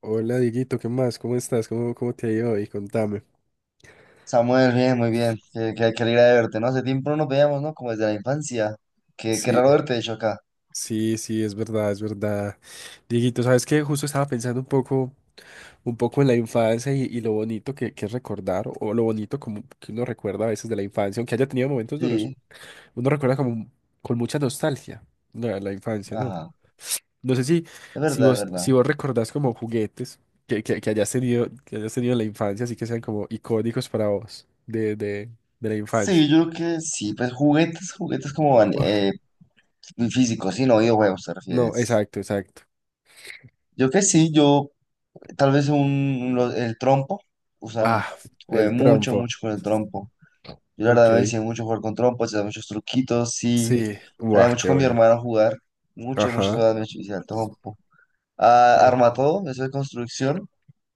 Hola Dieguito, ¿qué más? ¿Cómo estás? ¿Cómo te ha ido hoy? Contame. Samuel, bien, muy bien. Qué alegría de verte, ¿no? Hace tiempo no nos veíamos, ¿no? Como desde la infancia. Qué Sí, raro verte, de hecho, acá. sí, sí, es verdad, es verdad. Dieguito, ¿sabes qué? Justo estaba pensando un poco en la infancia y lo bonito que es recordar, o lo bonito como que uno recuerda a veces de la infancia, aunque haya tenido momentos duros. Sí, Uno recuerda como con mucha nostalgia la infancia, ¿no? ajá. No sé si, Es si verdad, es vos, verdad. si vos recordás como juguetes que hayas tenido, que hayas tenido en la infancia, así que sean como icónicos para vos de la infancia. Sí, yo creo que sí, pues juguetes como van, físicos, sí, no videojuegos, ¿te No, refieres? exacto, exacto. Yo que sí, yo tal vez el trompo, o sea, Ah, jugué el mucho, trompo. mucho con el trompo. Yo la Ok. verdad me hice mucho jugar con trompo, hacía muchos truquitos, sí. Sí, guau, Salía mucho qué con mi bueno. hermano a jugar, muchas, muchas Ajá. horas me hice al trompo. Sí. Armatodo, eso de construcción.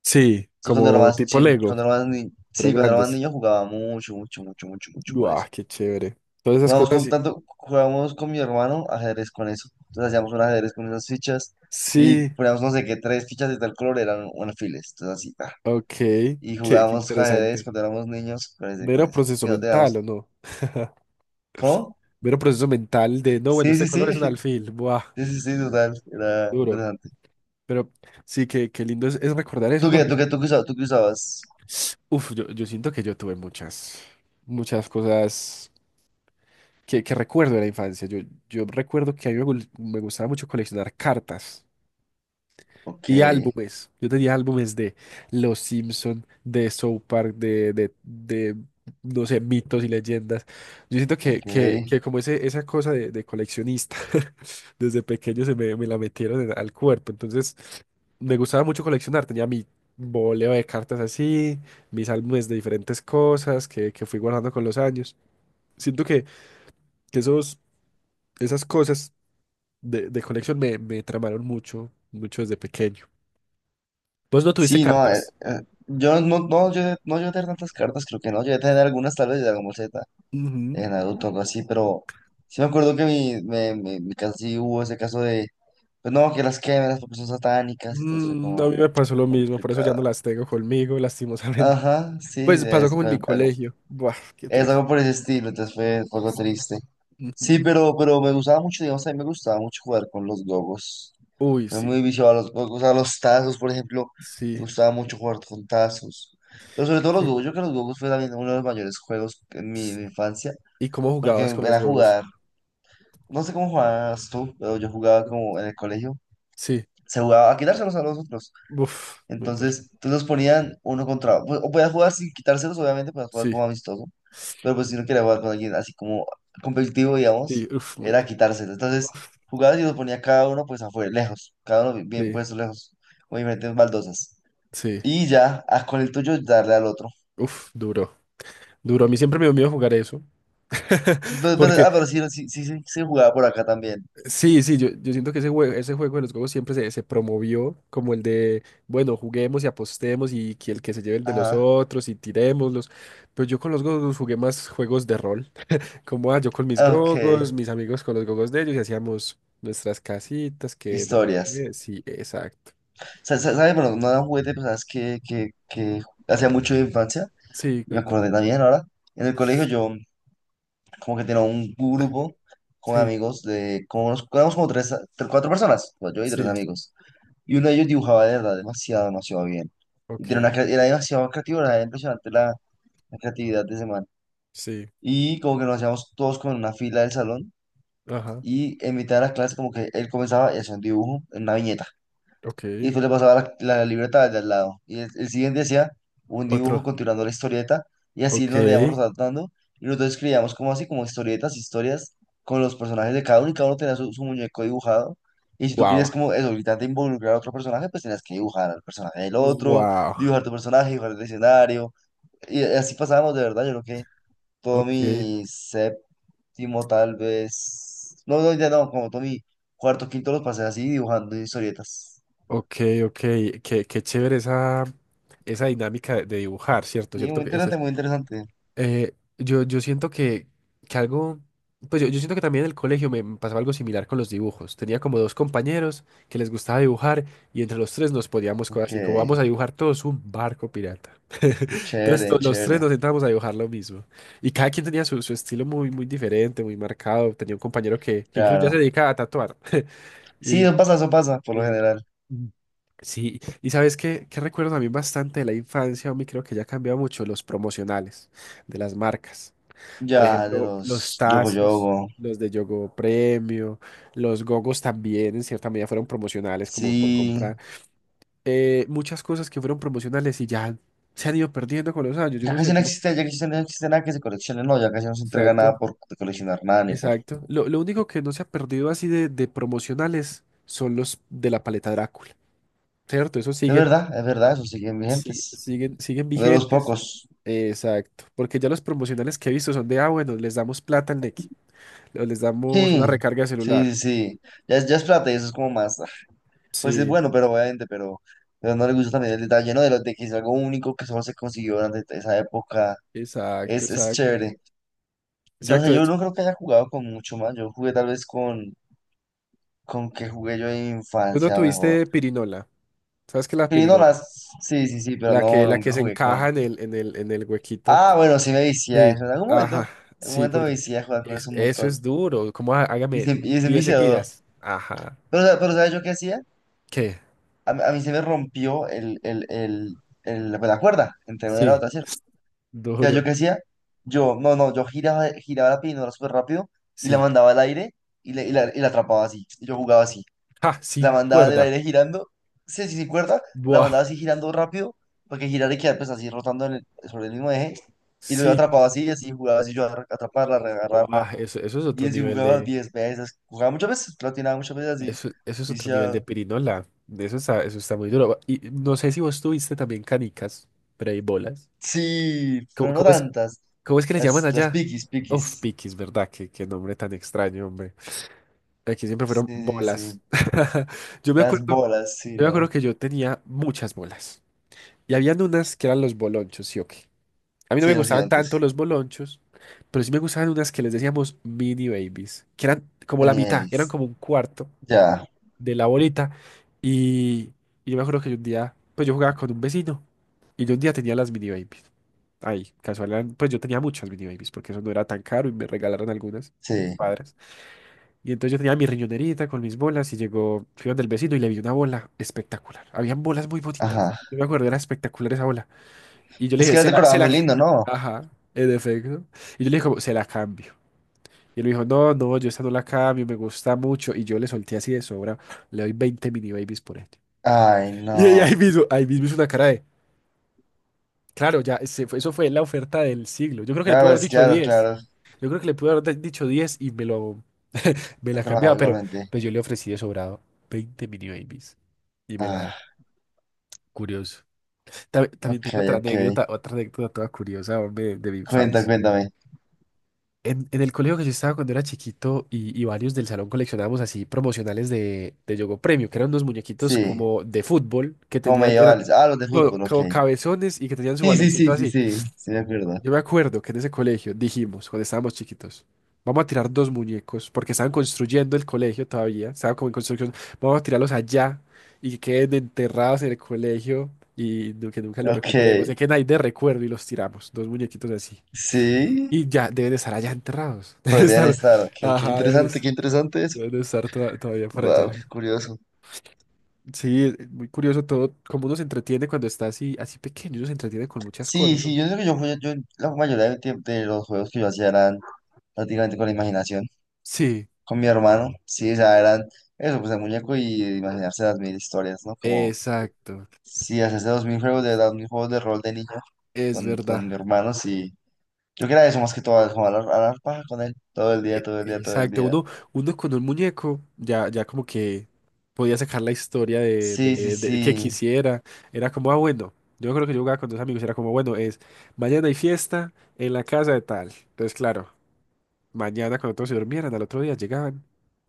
Sí, Eso cuando era como más tipo chin, Lego, cuando era más ni- pero sí, cuando era más grandes. niño jugaba mucho, mucho, mucho, mucho, mucho con Guau, eso. qué chévere. Todas esas cosas sí. Jugábamos con mi hermano ajedrez con eso. Entonces hacíamos un ajedrez con esas fichas y Sí, poníamos no sé qué, tres fichas de tal color eran un alfiles. Entonces así, ta. ok, Y qué jugábamos ajedrez interesante. cuando éramos niños con con Mero eso. proceso Que no mental, ¿o teníamos. no? ¿Cómo? Mero proceso mental de, no, bueno, Sí, este sí, sí. color es un alfil, buah, Sí, sí, sí, total. Era duro. interesante. Pero sí, qué lindo es recordar eso, ¿Tú ¿no? qué, tú Yo- qué, tú qué usabas? ¿Tú qué usabas? uf, yo, yo siento que yo tuve muchas, muchas cosas que recuerdo de la infancia. Yo recuerdo que a mí me gustaba mucho coleccionar cartas Ok, y álbumes. Yo tenía álbumes de Los Simpson, de South Park, de, no sé, mitos y leyendas. Yo siento que, ok. que, que como esa cosa de coleccionista, desde pequeño se me la metieron al cuerpo. Entonces, me gustaba mucho coleccionar. Tenía mi boleo de cartas así, mis álbumes de diferentes cosas que fui guardando con los años. Siento que esas cosas de colección me tramaron mucho, mucho desde pequeño. ¿Vos no tuviste Sí, no, cartas? Yo no llegué a tener tantas cartas, creo que no, llegué a tener algunas tal vez de Dragon Ball Z, Ujú. de Naruto, algo así, pero sí me acuerdo que me casi hubo ese caso de, pues no, que las quemas porque son satánicas, entonces fue como A mí me pasó lo mismo, por eso ya complicado. no las tengo conmigo, lastimosamente. Ajá, sí, Pues pasó como en mi colegio. Buah, qué es triste. algo por ese estilo, entonces fue algo triste. Sí, Ujú. Pero me gustaba mucho, digamos, a mí me gustaba mucho jugar con los gogos. Uy, Fue sí, muy viciado a los gogos, a los tazos, por ejemplo. Me sí, gustaba mucho jugar con tazos. Pero sobre todo los sí. gogos, yo creo que los gogos fue también uno de los mayores juegos en mi infancia, ¿Y cómo porque jugabas con los era gogos? jugar, no sé cómo jugabas tú, pero yo jugaba como en el colegio. Sí, Se jugaba a quitárselos a los otros. uf, muy duro. Entonces nos ponían uno contra, pues, o podías jugar sin quitárselos, obviamente, podías jugar Sí, como amistoso, pero pues si no quería jugar con alguien así como competitivo, digamos, sí, uf, muy era duro. quitárselo. Entonces, Uf, jugabas y los ponía cada uno pues afuera, lejos, cada uno bien sí, puesto lejos, con diferentes baldosas. sí, Y ya, ah, con el tuyo darle al otro. uf, duro. Duro, a mí siempre me dio miedo jugar eso. Pero, pero- Porque ah, pero sí, sí, sí, sí, sí jugaba por acá también. Sí, sí, yo siento que ese juego, de los juegos siempre se promovió como el de, bueno, juguemos y apostemos y que el que se lleve el de los Ajá, otros y tirémoslos. Pero yo con los gogos jugué más juegos de rol, como ah, yo con mis ok, gogos, mis amigos con los gogos de ellos y hacíamos nuestras casitas, que no sé historias. qué. Sí, exacto. ¿Sabes? Bueno, no era un juguete, pero sabes que hacía mucho de infancia, Sí, y me cuenta. acordé también ahora. En el colegio yo como que tenía un grupo con Sí, amigos de, como nos, éramos como cuatro personas, pues, yo y tres sí. amigos. Y uno de ellos dibujaba de verdad demasiado, demasiado bien. Y tenía Ok, era demasiado creativo, era impresionante la creatividad de ese man. sí. Y como que nos hacíamos todos como en una fila del salón Ajá. y en mitad de la clase como que él comenzaba y hacía un dibujo en una viñeta. Ok. Y después le pasaba la libreta al de al lado. Y el siguiente hacía un dibujo Otro. continuando la historieta. Y así nos le íbamos Ok. rotando. Y nosotros escribíamos como así, como historietas, historias con los personajes de cada uno. Y cada uno tenía su muñeco dibujado. Y si tú querías Wow. como eso, ahorita te involucrar a otro personaje, pues tenías que dibujar al personaje del otro, Wow. dibujar tu personaje, dibujar el escenario. Y así pasábamos de verdad. Yo creo que todo Ok. mi séptimo, tal vez. No, no, ya no, como todo mi cuarto, quinto los pasé así dibujando historietas. Ok, ok, qué chévere esa dinámica de dibujar, ¿cierto? Sí, ¿Cierto? muy interesante, muy interesante. Yo siento que algo, pues yo siento que también en el colegio me pasaba algo similar con los dibujos. Tenía como dos compañeros que les gustaba dibujar y entre los tres nos poníamos cosas Ok, así, como vamos a dibujar todos un barco pirata. Entonces chévere, los tres chévere, nos sentábamos a dibujar lo mismo. Y cada quien tenía su estilo muy, muy diferente, muy marcado. Tenía un compañero que incluso ya se claro. dedicaba a tatuar. Sí, eso pasa, por lo Sí. general. Mm. Sí, y sabes qué recuerdo a mí bastante de la infancia, mí creo que ya ha cambiado mucho los promocionales de las marcas. Por Ya, de ejemplo, los los Yogo tazos, Yogo. los de Yogo Premio, los gogos también en cierta medida fueron promocionales como por Sí, comprar. Muchas cosas que fueron promocionales y ya se han ido perdiendo con los años, yo ya no sé casi no cómo. existe, ya casi no existe nada que se coleccione, no, ya casi no se entrega nada Exacto, por coleccionar nada, ni por... exacto. Lo único que no se ha perdido así de promocionales son los de la paleta Drácula, ¿cierto? Eso sigue es verdad, eso siguen Sí, vigentes. siguen, siguen De los vigentes. pocos. Exacto, porque ya los promocionales que he visto son ah, bueno, les damos plata al Nequi, o les damos una Sí, recarga de sí, celular. sí, sí. Ya es plata y eso es como más... ah, pues es Sí, bueno, pero obviamente, pero... Pero no le gusta también el detalle, ¿no? De, lo, de que es algo único que solo se consiguió durante esa época. exacto, Es exacto. chévere. Yo no Exacto, sé, de yo hecho, no creo que haya jugado con mucho más. Yo jugué tal vez con, que jugué yo en tú no infancia mejor. tuviste pirinola. ¿Sabes qué es la pirinola? Pirinolas, sí, sí, sí, pero La que, no, no, la que nunca se jugué con. encaja en el huequito. Ah, bueno, sí me vicié a Sí, eso. Ajá, En algún sí, momento me porque vicié a jugar con eso es- un eso montón. es duro. Como "Ah, hágame Y es un 10 viciador. seguidas". Ajá. Pero ¿sabes yo qué hacía? ¿Qué? A mí se me rompió pues, la cuerda entre una y la Sí, otra, ¿cierto? O sea, ¿yo duro. qué hacía? Yo, no, no, yo giraba, la pirinola súper rápido y la Sí. mandaba al aire y la atrapaba así. Y yo jugaba así. Ja, La sin mandaba en el cuerda. aire girando, sí, sí, sí, cuerda, la Buah, mandaba así girando rápido, para que girara y quedara pues así rotando en el- sobre el mismo eje, y lo sí. atrapaba así, y así jugaba así yo a atraparla, a reagarrarla, Buah, eso es otro y así nivel jugaba de, 10 veces, jugaba muchas veces, platinaba muchas veces así, eso es otro nivel de viciado. pirinola. Eso está muy duro. Y no sé si vos tuviste también canicas, pero hay bolas. Sí, ¿Cómo, pero no cómo es, tantas, cómo es que les llaman las allá? piquis, Uf, piquis, piquis, ¿verdad? Qué nombre tan extraño, hombre. Aquí siempre fueron sí, sí, sí, bolas. Yo me las acuerdo, bolas, sí, yo me no, acuerdo que yo tenía muchas bolas. Y habían unas que eran los bolonchos, sí o qué. A mí no me sí, los gustaban tanto gigantes, los bolonchos, pero sí me gustaban unas que les decíamos mini babies, que eran como la mitad, eran Nieves. como un cuarto Ya, de la bolita. Y, y yo me acuerdo que yo un día, pues yo jugaba con un vecino y yo un día tenía las mini babies. Ay, casual, pues yo tenía muchas mini babies porque eso no era tan caro y me regalaron algunas mis sí, padres. Y entonces yo tenía mi riñonerita con mis bolas y llegó, fui donde el vecino y le vi una bola espectacular. Habían bolas muy bonitas. ajá, Yo me acuerdo, era espectacular esa bola. Y yo le es dije, que las decoraba muy lindo, ¿no? ajá, en efecto. Y yo le dije, como, se la cambio. Y él me dijo, no, no, yo esta no la cambio, me gusta mucho. Y yo le solté así de sobra, le doy 20 mini babies por este. Ay, Y ella no. Ahí mismo hizo una cara de, claro, ya, eso fue la oferta del siglo. Yo creo que le pude Claro, haber es dicho claro, 10. claro. Yo creo que le pude haber dicho 10 y me lo, me He la trabajado cambiaba, pero igualmente. pues yo le ofrecí de sobrado 20 mini babies. Y me Ah, la, Curioso. También ok, tengo otra ok. anécdota, toda curiosa, hombre, de mi Cuenta, infancia. cuéntame. En el colegio que yo estaba cuando era chiquito y varios del salón coleccionábamos así promocionales de Yogo Premio, que eran unos muñequitos Sí, como de fútbol que ¿cómo me tenían, lleva? eran Ah, los de todo, fútbol, ok. como cabezones y que tenían su Sí, sí, baloncito sí, sí, así. sí, sí, me acuerdo. Yo me acuerdo que en ese colegio dijimos, cuando estábamos chiquitos, vamos a tirar dos muñecos porque estaban construyendo el colegio todavía, estaba como en construcción, vamos a tirarlos allá y que queden enterrados en el colegio y que nunca los Ok, recuperemos, que queden ahí de recuerdo y los tiramos, dos muñequitos así. sí, Y ya deben estar allá enterrados. Deben pero deben estar, estar, ok. Ajá, deben, es- Qué interesante eso. deben estar todavía por Wow, allá. qué curioso. Sí, es muy curioso todo, cómo uno se entretiene cuando está así, así pequeño, uno se entretiene con muchas Sí, cosas, sí, ¿no? yo creo que yo, la mayoría del tiempo de los juegos que yo hacía eran prácticamente con la imaginación, Sí, con mi hermano. Sí, o sea, eran eso, pues el muñeco y imaginarse las mil historias, ¿no? Como exacto, sí, hace 2.000 juegos de edad, 1.000 juegos de rol de niño es con mi verdad. hermano, sí. Yo creo que era eso más que todo, jugar a la paja con él todo el día, E- todo el día, todo el Exacto, día. uno con un muñeco ya, como que podía sacar la historia de, Sí, sí, de- de- que sí. quisiera. Era como, ah, bueno, yo creo que yo jugaba con dos amigos, era como, bueno, es mañana hay fiesta en la casa de tal. Entonces, claro. Mañana cuando todos se durmieran, al otro día llegaban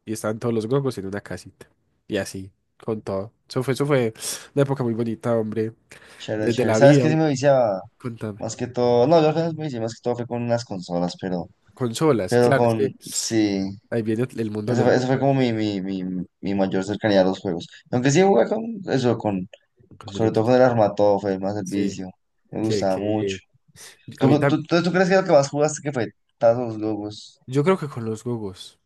y estaban todos los gongos en una casita. Y así, con todo. Eso fue una época muy bonita, hombre. Chévere, Desde chévere. la ¿Sabes vida, qué? Sí me viciaba. contame. Más que todo. No, yo apenas me vicié, más que todo fue con unas consolas, pero. Consolas, Pero claro, es con. que Sí. ahí viene el mundo de los Eso fue videojuegos. como mi mayor cercanía a los juegos. Aunque sí jugué con eso, con. Con Sobre todo con muñequitos. el Armatov, fue más el Sí, vicio. Me qué, gustaba qué mucho. bien. A mí ¿Tú, tam- tú, tú, tú crees que lo que más jugaste que fue Tazos Lobos? yo creo que con los gogos.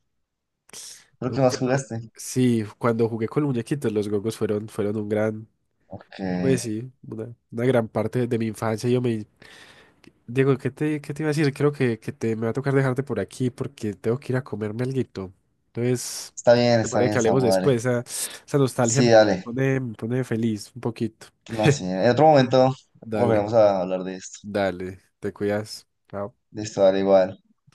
Creo un que más cierto- jugaste. Sí, cuando jugué con muñequitos, los gogos fueron, fueron un Ok. pues sí, una gran parte de mi infancia. Diego, ¿qué te iba a decir? Creo que me va a tocar dejarte por aquí porque tengo que ir a comerme alguito. Entonces, te Está parece que bien, hablemos Samu, dale. después. Esa nostalgia Sí, me dale. pone, me pone feliz un poquito. No, sí. En otro momento Dale, volveremos a hablar de esto. dale, te cuidas. Chao. De esto, dale igual.